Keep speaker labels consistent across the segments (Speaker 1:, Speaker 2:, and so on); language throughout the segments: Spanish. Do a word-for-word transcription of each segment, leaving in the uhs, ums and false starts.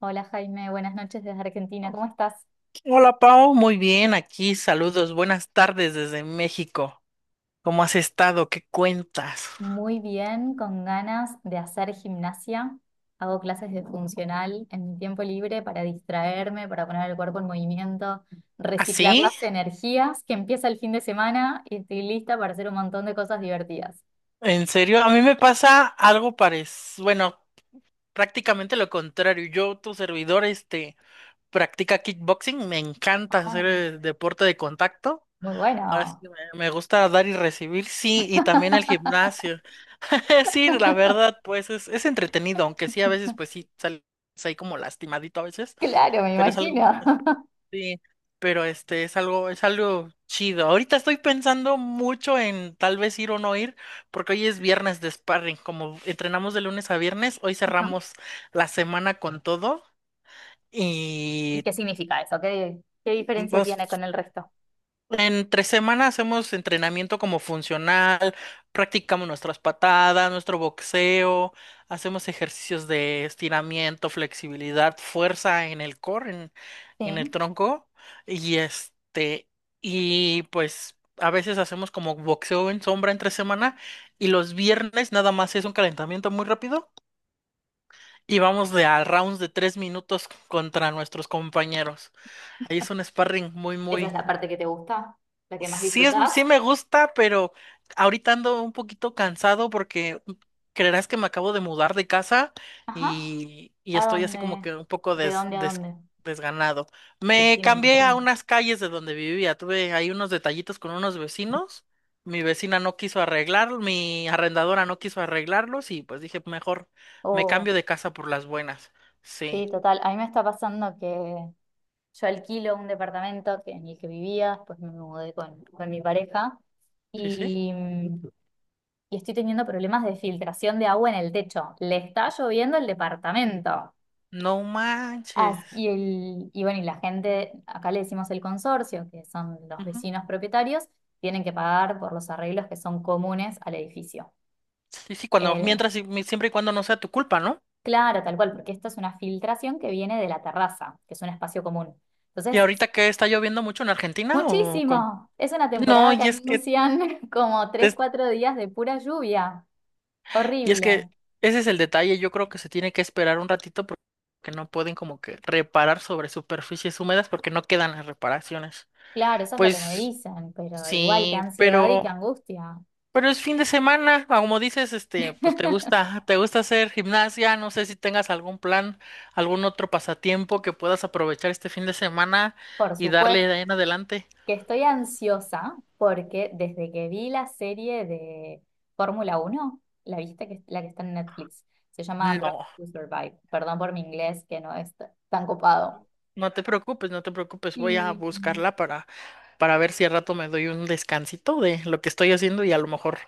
Speaker 1: Hola Jaime, buenas noches desde Argentina. ¿Cómo estás?
Speaker 2: Hola Pau, muy bien, aquí saludos, buenas tardes desde México. ¿Cómo has estado? ¿Qué cuentas?
Speaker 1: Muy bien, con ganas de hacer gimnasia. Hago clases de funcional en mi tiempo libre para distraerme, para poner el cuerpo en movimiento, reciclar
Speaker 2: ¿Así?
Speaker 1: las energías que empieza el fin de semana y estoy lista para hacer un montón de cosas divertidas.
Speaker 2: ¿En serio? A mí me pasa algo parecido, bueno, prácticamente lo contrario. Yo, tu servidor, este, practica kickboxing, me encanta
Speaker 1: Ah,
Speaker 2: hacer eh, deporte de contacto.
Speaker 1: muy
Speaker 2: Ahora sí
Speaker 1: bueno.
Speaker 2: que me me gusta dar y recibir, sí, y también el gimnasio. Sí, la verdad, pues es, es entretenido, aunque sí, a veces, pues sí, sales ahí como lastimadito a veces,
Speaker 1: Claro, me
Speaker 2: pero es algo.
Speaker 1: imagino.
Speaker 2: Sí, pero este es algo, es algo chido. Ahorita estoy pensando mucho en tal vez ir o no ir, porque hoy es viernes de sparring. Como entrenamos de lunes a viernes, hoy
Speaker 1: Ajá.
Speaker 2: cerramos la semana con todo
Speaker 1: ¿Y
Speaker 2: y
Speaker 1: qué significa eso? ¿Qué, qué diferencia
Speaker 2: pues
Speaker 1: tiene con el resto?
Speaker 2: entre semana hacemos entrenamiento como funcional, practicamos nuestras patadas, nuestro boxeo, hacemos ejercicios de estiramiento, flexibilidad, fuerza en el core, en, en el
Speaker 1: Sí.
Speaker 2: tronco, y este, y pues a veces hacemos como boxeo en sombra entre semana, y los viernes nada más es un calentamiento muy rápido, y vamos de a rounds de tres minutos contra nuestros compañeros. Ahí es un sparring muy,
Speaker 1: ¿Esa es
Speaker 2: muy.
Speaker 1: la parte que te gusta? ¿La que más
Speaker 2: Sí es,
Speaker 1: disfrutás?
Speaker 2: sí me gusta, pero ahorita ando un poquito cansado porque creerás que me acabo de mudar de casa
Speaker 1: Ajá.
Speaker 2: y, y
Speaker 1: ¿A
Speaker 2: estoy así como
Speaker 1: dónde?
Speaker 2: que un poco
Speaker 1: ¿De
Speaker 2: des-
Speaker 1: dónde a
Speaker 2: des-
Speaker 1: dónde?
Speaker 2: desganado.
Speaker 1: Eh,
Speaker 2: Me
Speaker 1: Sí, me
Speaker 2: cambié a
Speaker 1: imagino.
Speaker 2: unas calles de donde vivía. Tuve ahí unos detallitos con unos vecinos. Mi vecina no quiso arreglarlos, mi arrendadora no quiso arreglarlos y pues dije, mejor me
Speaker 1: Oh,
Speaker 2: cambio de casa por las buenas. Sí,
Speaker 1: sí, total. A mí me está pasando que yo alquilo un departamento que, en el que vivía, después me mudé con, con mi pareja
Speaker 2: sí, sí.
Speaker 1: y, mm, y estoy teniendo problemas de filtración de agua en el techo. Le está lloviendo el departamento.
Speaker 2: No
Speaker 1: As-
Speaker 2: manches.
Speaker 1: y, el, y bueno, y la gente, acá le decimos el consorcio, que son los vecinos propietarios, tienen que pagar por los arreglos que son comunes al edificio.
Speaker 2: Sí, sí, cuando, mientras, y mi- siempre y cuando no sea tu culpa, ¿no?
Speaker 1: Claro, tal cual, porque esta es una filtración que viene de la terraza, que es un espacio común.
Speaker 2: ¿Y
Speaker 1: Entonces,
Speaker 2: ahorita que está lloviendo mucho en Argentina o cómo?
Speaker 1: muchísimo. Es una
Speaker 2: No,
Speaker 1: temporada que
Speaker 2: y es que,
Speaker 1: anuncian como tres,
Speaker 2: es-
Speaker 1: cuatro días de pura lluvia.
Speaker 2: y es
Speaker 1: Horrible.
Speaker 2: que ese es el detalle, yo creo que se tiene que esperar un ratito por- porque no pueden como que reparar sobre superficies húmedas porque no quedan las reparaciones.
Speaker 1: Claro, eso es lo que me
Speaker 2: Pues
Speaker 1: dicen, pero igual qué
Speaker 2: sí,
Speaker 1: ansiedad y qué
Speaker 2: pero,
Speaker 1: angustia.
Speaker 2: pero es fin de semana, ah, como dices, este, pues te gusta, te gusta hacer gimnasia, no sé si tengas algún plan, algún otro pasatiempo que puedas aprovechar este fin de semana
Speaker 1: Por
Speaker 2: y
Speaker 1: supuesto
Speaker 2: darle de ahí en adelante.
Speaker 1: que estoy ansiosa porque desde que vi la serie de Fórmula Uno, la viste que la que está en Netflix, se llama Drive
Speaker 2: No,
Speaker 1: to Survive. Perdón por mi inglés que no es t- tan copado.
Speaker 2: no te preocupes, no te preocupes. Voy a
Speaker 1: Y
Speaker 2: buscarla para, para ver si al rato me doy un descansito de lo que estoy haciendo y a lo mejor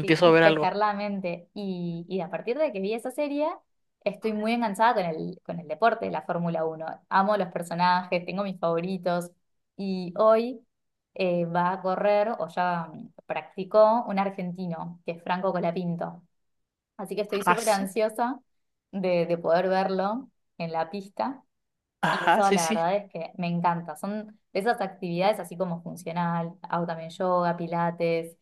Speaker 1: sí,
Speaker 2: a ver
Speaker 1: despejar
Speaker 2: algo.
Speaker 1: la mente. Y, y a partir de que vi esa serie, estoy muy enganchada con el, con el deporte, la Fórmula Uno. Amo los personajes, tengo mis favoritos. Y hoy eh, va a correr, o ya mm, practicó, un argentino, que es Franco Colapinto. Así que estoy
Speaker 2: Ajá,
Speaker 1: súper
Speaker 2: sí,
Speaker 1: ansiosa de, de poder verlo en la pista. Y
Speaker 2: ajá,
Speaker 1: eso
Speaker 2: sí,
Speaker 1: la
Speaker 2: sí.
Speaker 1: verdad es que me encanta. Son de esas actividades así como funcional, hago también yoga, pilates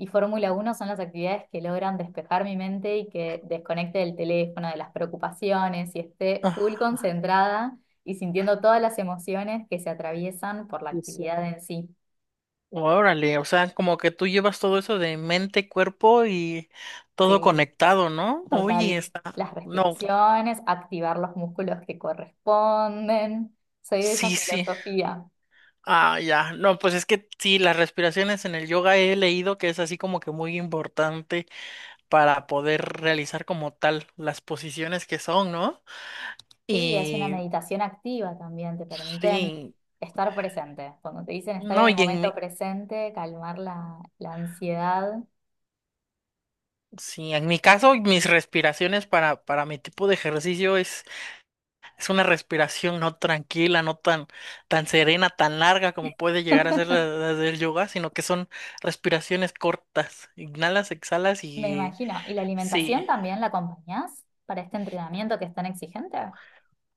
Speaker 1: y Fórmula uno son las actividades que logran despejar mi mente y que desconecte del teléfono, de las preocupaciones y esté full
Speaker 2: Ah,
Speaker 1: concentrada y sintiendo todas las emociones que se atraviesan por la
Speaker 2: sí, sí.
Speaker 1: actividad en sí.
Speaker 2: Órale, o sea, como que tú llevas todo eso de mente, cuerpo y todo
Speaker 1: Sí,
Speaker 2: conectado, ¿no? Oye,
Speaker 1: total. Las
Speaker 2: está. No,
Speaker 1: respiraciones, activar los músculos que corresponden. Soy de esa
Speaker 2: sí, sí.
Speaker 1: filosofía.
Speaker 2: Ah, ya. No, pues es que sí, las respiraciones en el yoga he leído que es así como que muy importante para poder realizar como tal las posiciones que son, ¿no?
Speaker 1: Sí, es una
Speaker 2: Y
Speaker 1: meditación activa también, te permiten
Speaker 2: sí,
Speaker 1: estar presente. Cuando te dicen estar en
Speaker 2: no,
Speaker 1: el
Speaker 2: y en
Speaker 1: momento
Speaker 2: mi,
Speaker 1: presente, calmar la, la ansiedad,
Speaker 2: sí, en mi caso, mis respiraciones para, para mi tipo de ejercicio es, es una respiración no tranquila, no tan, tan serena, tan larga como puede llegar a ser la, la del yoga, sino que son respiraciones cortas. Inhalas, exhalas
Speaker 1: me
Speaker 2: y
Speaker 1: imagino. ¿Y la alimentación
Speaker 2: sí,
Speaker 1: también la acompañás para este entrenamiento que es tan exigente?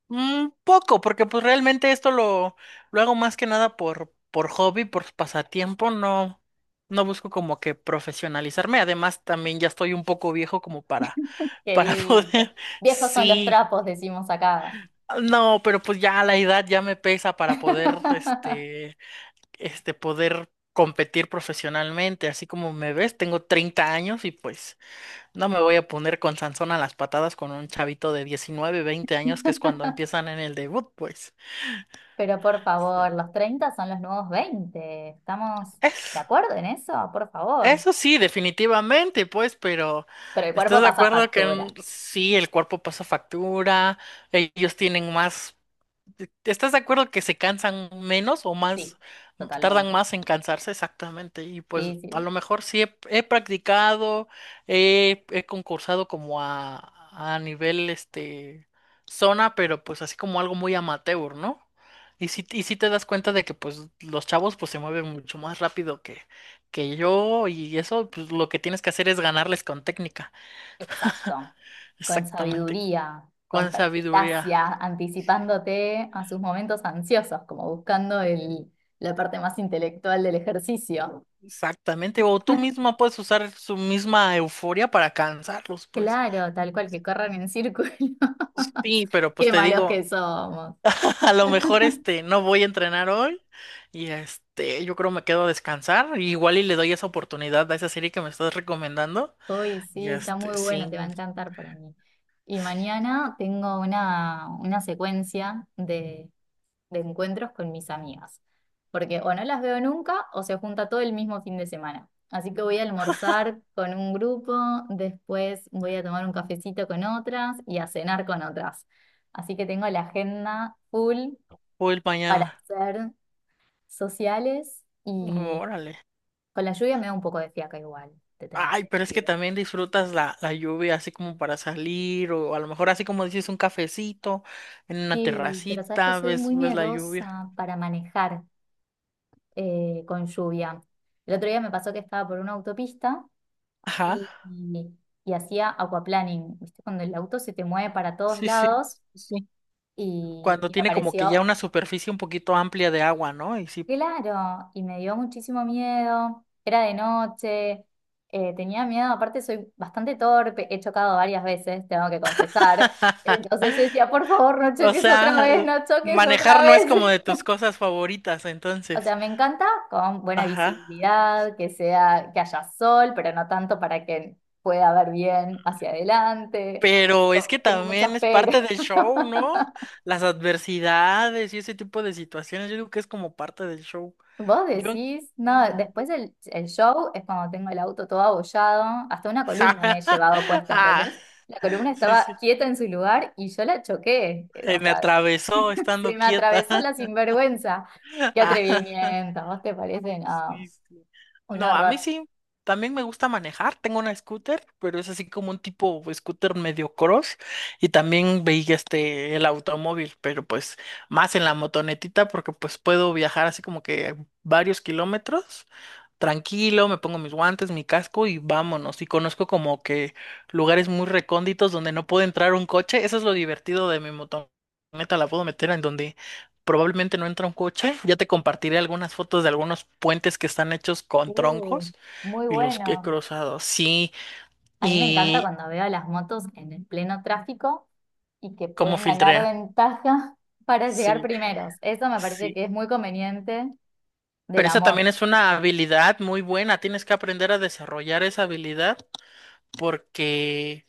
Speaker 2: un poco, porque pues realmente esto lo, lo hago más que nada por, por hobby, por pasatiempo, no, no busco como que profesionalizarme. Además, también ya estoy un poco viejo como para
Speaker 1: ¿Qué
Speaker 2: Para
Speaker 1: dice?
Speaker 2: poder,
Speaker 1: Viejos son los
Speaker 2: sí.
Speaker 1: trapos, decimos acá.
Speaker 2: No, pero pues ya la edad ya me pesa para poder, este, este, poder competir profesionalmente. Así como me ves, tengo treinta años y pues no me voy a poner con Sansón a las patadas con un chavito de diecinueve veinte años, que es cuando empiezan en el debut, pues.
Speaker 1: Pero por favor,
Speaker 2: Sí.
Speaker 1: los treinta son los nuevos veinte. ¿Estamos de
Speaker 2: Eso,
Speaker 1: acuerdo en eso? Por favor.
Speaker 2: eso sí, definitivamente, pues, pero
Speaker 1: Pero el cuerpo
Speaker 2: ¿estás de
Speaker 1: pasa
Speaker 2: acuerdo que mm,
Speaker 1: factura.
Speaker 2: sí, el cuerpo pasa factura, ellos tienen más? ¿Estás de acuerdo que se cansan menos o más,
Speaker 1: Sí,
Speaker 2: tardan
Speaker 1: totalmente.
Speaker 2: más en cansarse? Exactamente. Y pues
Speaker 1: Sí,
Speaker 2: a
Speaker 1: sí.
Speaker 2: lo mejor sí he, he practicado, he, he concursado como a, a nivel este zona, pero pues así como algo muy amateur, ¿no? Y sí, y sí te das cuenta de que pues los chavos pues se mueven mucho más rápido que, que yo, y eso pues lo que tienes que hacer es ganarles con técnica.
Speaker 1: Exacto. Con
Speaker 2: Exactamente,
Speaker 1: sabiduría, con
Speaker 2: con sabiduría.
Speaker 1: perspicacia,
Speaker 2: Sí.
Speaker 1: anticipándote a sus momentos ansiosos, como buscando el, la parte más intelectual del ejercicio.
Speaker 2: Exactamente, o tú mismo puedes usar su misma euforia para cansarlos, pues.
Speaker 1: Claro, tal cual, que corran en círculos.
Speaker 2: Sí, pero pues
Speaker 1: Qué
Speaker 2: te
Speaker 1: malos
Speaker 2: digo,
Speaker 1: que somos.
Speaker 2: a lo mejor este no voy a entrenar hoy y este yo creo me quedo a descansar, igual y le doy esa oportunidad a esa serie que me estás recomendando
Speaker 1: Uy,
Speaker 2: y
Speaker 1: sí, está muy
Speaker 2: este
Speaker 1: bueno,
Speaker 2: sí,
Speaker 1: te va a encantar para mí. Y mañana tengo una, una secuencia de, de encuentros con mis amigas, porque o no las veo nunca o se junta todo el mismo fin de semana. Así que voy a almorzar con un grupo, después voy a tomar un cafecito con otras y a cenar con otras. Así que tengo la agenda full
Speaker 2: o el
Speaker 1: para
Speaker 2: mañana.
Speaker 1: ser sociales y
Speaker 2: Órale.
Speaker 1: con la lluvia me da un poco de fiaca igual, te tengo
Speaker 2: Ay,
Speaker 1: que
Speaker 2: pero es que
Speaker 1: decir.
Speaker 2: también disfrutas la, la lluvia así como para salir o a lo mejor así como dices un cafecito en una
Speaker 1: Sí, pero sabes que
Speaker 2: terracita,
Speaker 1: soy
Speaker 2: ves
Speaker 1: muy
Speaker 2: ves la lluvia.
Speaker 1: miedosa para manejar eh, con lluvia. El otro día me pasó que estaba por una autopista
Speaker 2: Ajá.
Speaker 1: y, y- y hacía aquaplaning, ¿viste? Cuando el auto se te mueve para todos
Speaker 2: Sí, sí,
Speaker 1: lados
Speaker 2: sí, sí.
Speaker 1: y,
Speaker 2: Cuando
Speaker 1: y me
Speaker 2: tiene como que
Speaker 1: pareció,
Speaker 2: ya una superficie un poquito amplia de agua, ¿no? Y sí.
Speaker 1: claro, y me dio muchísimo miedo, era de noche, eh, tenía miedo, aparte soy bastante torpe, he chocado varias veces, tengo que confesar, entonces yo decía, por favor, no
Speaker 2: O
Speaker 1: choques otra
Speaker 2: sea,
Speaker 1: vez,
Speaker 2: eh,
Speaker 1: no choques otra
Speaker 2: manejar no es
Speaker 1: vez.
Speaker 2: como de tus cosas favoritas,
Speaker 1: O sea,
Speaker 2: entonces.
Speaker 1: me encanta con buena
Speaker 2: Ajá.
Speaker 1: visibilidad, que sea, que haya sol, pero no tanto para que pueda ver bien hacia adelante.
Speaker 2: Pero es que
Speaker 1: Oh, tengo muchos
Speaker 2: también es
Speaker 1: pero.
Speaker 2: parte del show, ¿no? Las adversidades y ese tipo de situaciones, yo digo que es como parte del show.
Speaker 1: Vos
Speaker 2: Yo...
Speaker 1: decís, no,
Speaker 2: sí, yo-
Speaker 1: después el, el show es cuando tengo el auto todo abollado, hasta una columna me he llevado puesta,
Speaker 2: Ah,
Speaker 1: ¿entendés? La columna
Speaker 2: sí,
Speaker 1: estaba
Speaker 2: sí.
Speaker 1: quieta en su lugar y yo la choqué. Eh, O
Speaker 2: Se me
Speaker 1: sea,
Speaker 2: atravesó
Speaker 1: se
Speaker 2: estando
Speaker 1: me atravesó
Speaker 2: quieta.
Speaker 1: la sinvergüenza. Qué atrevimiento, ¿vos te parece?
Speaker 2: Sí,
Speaker 1: No,
Speaker 2: sí.
Speaker 1: un
Speaker 2: No, a mí
Speaker 1: horror.
Speaker 2: sí, también me gusta manejar. Tengo una scooter, pero es así como un tipo scooter medio cross. Y también veía este, el automóvil, pero pues más en la motonetita porque pues puedo viajar así como que varios kilómetros. Tranquilo, me pongo mis guantes, mi casco y vámonos. Y conozco como que lugares muy recónditos donde no puede entrar un coche. Eso es lo divertido de mi motoneta, la puedo meter en donde probablemente no entra un coche. Ya te compartiré algunas fotos de algunos puentes que están hechos con
Speaker 1: Uh,
Speaker 2: troncos
Speaker 1: muy
Speaker 2: y los que he
Speaker 1: bueno.
Speaker 2: cruzado. Sí,
Speaker 1: A mí me encanta
Speaker 2: y
Speaker 1: cuando veo a las motos en el pleno tráfico y que
Speaker 2: cómo
Speaker 1: pueden ganar
Speaker 2: filtrea.
Speaker 1: ventaja para llegar
Speaker 2: Sí,
Speaker 1: primeros. Eso me parece
Speaker 2: sí.
Speaker 1: que es muy conveniente de
Speaker 2: Pero
Speaker 1: la
Speaker 2: esa
Speaker 1: moto.
Speaker 2: también es una habilidad muy buena. Tienes que aprender a desarrollar esa habilidad porque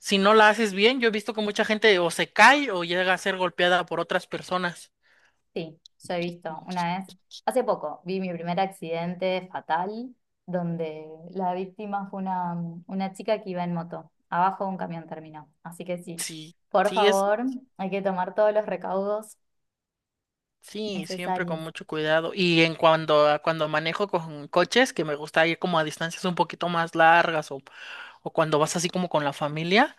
Speaker 2: si no la haces bien, yo he visto que mucha gente o se cae o llega a ser golpeada por otras personas.
Speaker 1: Sí, yo he visto
Speaker 2: Mm,
Speaker 1: una vez, hace poco, vi mi primer accidente fatal donde la víctima fue una, una chica que iba en moto. Abajo de un camión terminó. Así que sí,
Speaker 2: sí,
Speaker 1: por
Speaker 2: sí es.
Speaker 1: favor, hay que tomar todos los recaudos
Speaker 2: Sí, siempre con
Speaker 1: necesarios.
Speaker 2: mucho cuidado. Y en cuando, a- cuando manejo con coches, que me gusta ir como a distancias un poquito más largas o, o cuando vas así como con la familia,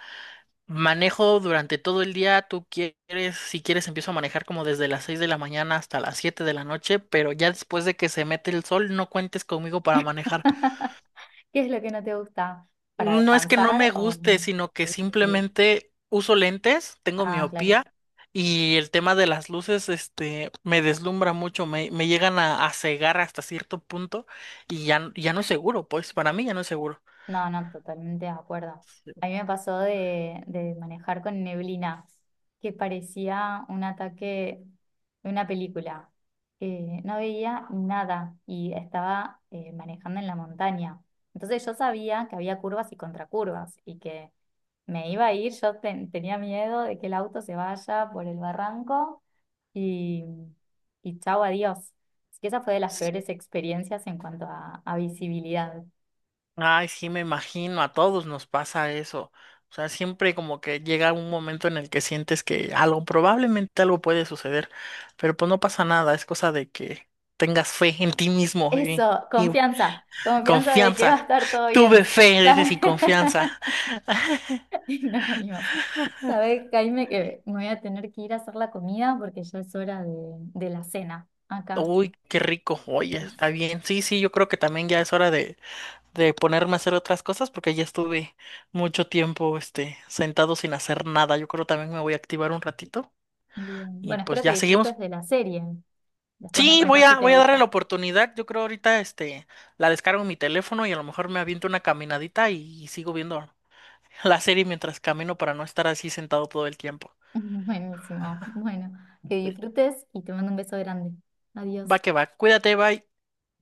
Speaker 2: manejo durante todo el día. Tú quieres, si quieres, empiezo a manejar como desde las seis de la mañana hasta las siete de la noche, pero ya después de que se mete el sol, no cuentes conmigo para manejar.
Speaker 1: ¿Qué es lo que no te gusta para
Speaker 2: No es que no
Speaker 1: descansar
Speaker 2: me
Speaker 1: o...
Speaker 2: guste, sino que
Speaker 1: visibilizar?
Speaker 2: simplemente uso lentes, tengo
Speaker 1: Ah, claro.
Speaker 2: miopía y el tema de las luces, este, me deslumbra mucho, me, me llegan a, a cegar hasta cierto punto y ya, n- ya no es seguro, pues para mí ya no es seguro.
Speaker 1: No, no, totalmente de acuerdo.
Speaker 2: Sí.
Speaker 1: A mí me pasó de, de manejar con neblina, que parecía un ataque de una película. Eh, no veía nada y estaba eh, manejando en la montaña. Entonces yo sabía que había curvas y contracurvas y que me iba a ir. Yo ten- tenía miedo de que el auto se vaya por el barranco y, y chao, adiós. Así que esa fue de las
Speaker 2: Sí.
Speaker 1: peores experiencias en cuanto a a visibilidad.
Speaker 2: Ay, sí, me imagino, a todos nos pasa eso. O sea, siempre como que llega un momento en el que sientes que algo, probablemente algo puede suceder, pero pues no pasa nada, es cosa de que tengas fe en ti mismo y,
Speaker 1: Eso,
Speaker 2: y
Speaker 1: confianza, confianza de que va a
Speaker 2: confianza.
Speaker 1: estar todo
Speaker 2: Tuve
Speaker 1: bien,
Speaker 2: fe, dices,
Speaker 1: ¿sabes?
Speaker 2: y confianza.
Speaker 1: Y nos vimos. ¿Sabes, Jaime, que me voy a tener que ir a hacer la comida porque ya es hora de, de la cena acá.
Speaker 2: Uy, qué rico. Oye, está bien. Sí, sí, yo creo que también ya es hora de, de ponerme a hacer otras cosas porque ya estuve mucho tiempo, este, sentado sin hacer nada. Yo creo también me voy a activar un ratito
Speaker 1: Bien.
Speaker 2: y
Speaker 1: Bueno,
Speaker 2: pues
Speaker 1: espero que
Speaker 2: ya
Speaker 1: disfrutes
Speaker 2: seguimos.
Speaker 1: de la serie. Después me
Speaker 2: Sí, voy
Speaker 1: contás si
Speaker 2: a,
Speaker 1: te
Speaker 2: voy a darle la
Speaker 1: gusta.
Speaker 2: oportunidad. Yo creo ahorita, este, la descargo en mi teléfono y a lo mejor me aviento una caminadita y, y sigo viendo la serie mientras camino para no estar así sentado todo el tiempo.
Speaker 1: Buenísimo. Bueno, que disfrutes y te mando un beso grande.
Speaker 2: Va
Speaker 1: Adiós.
Speaker 2: que va. Cuídate, bye.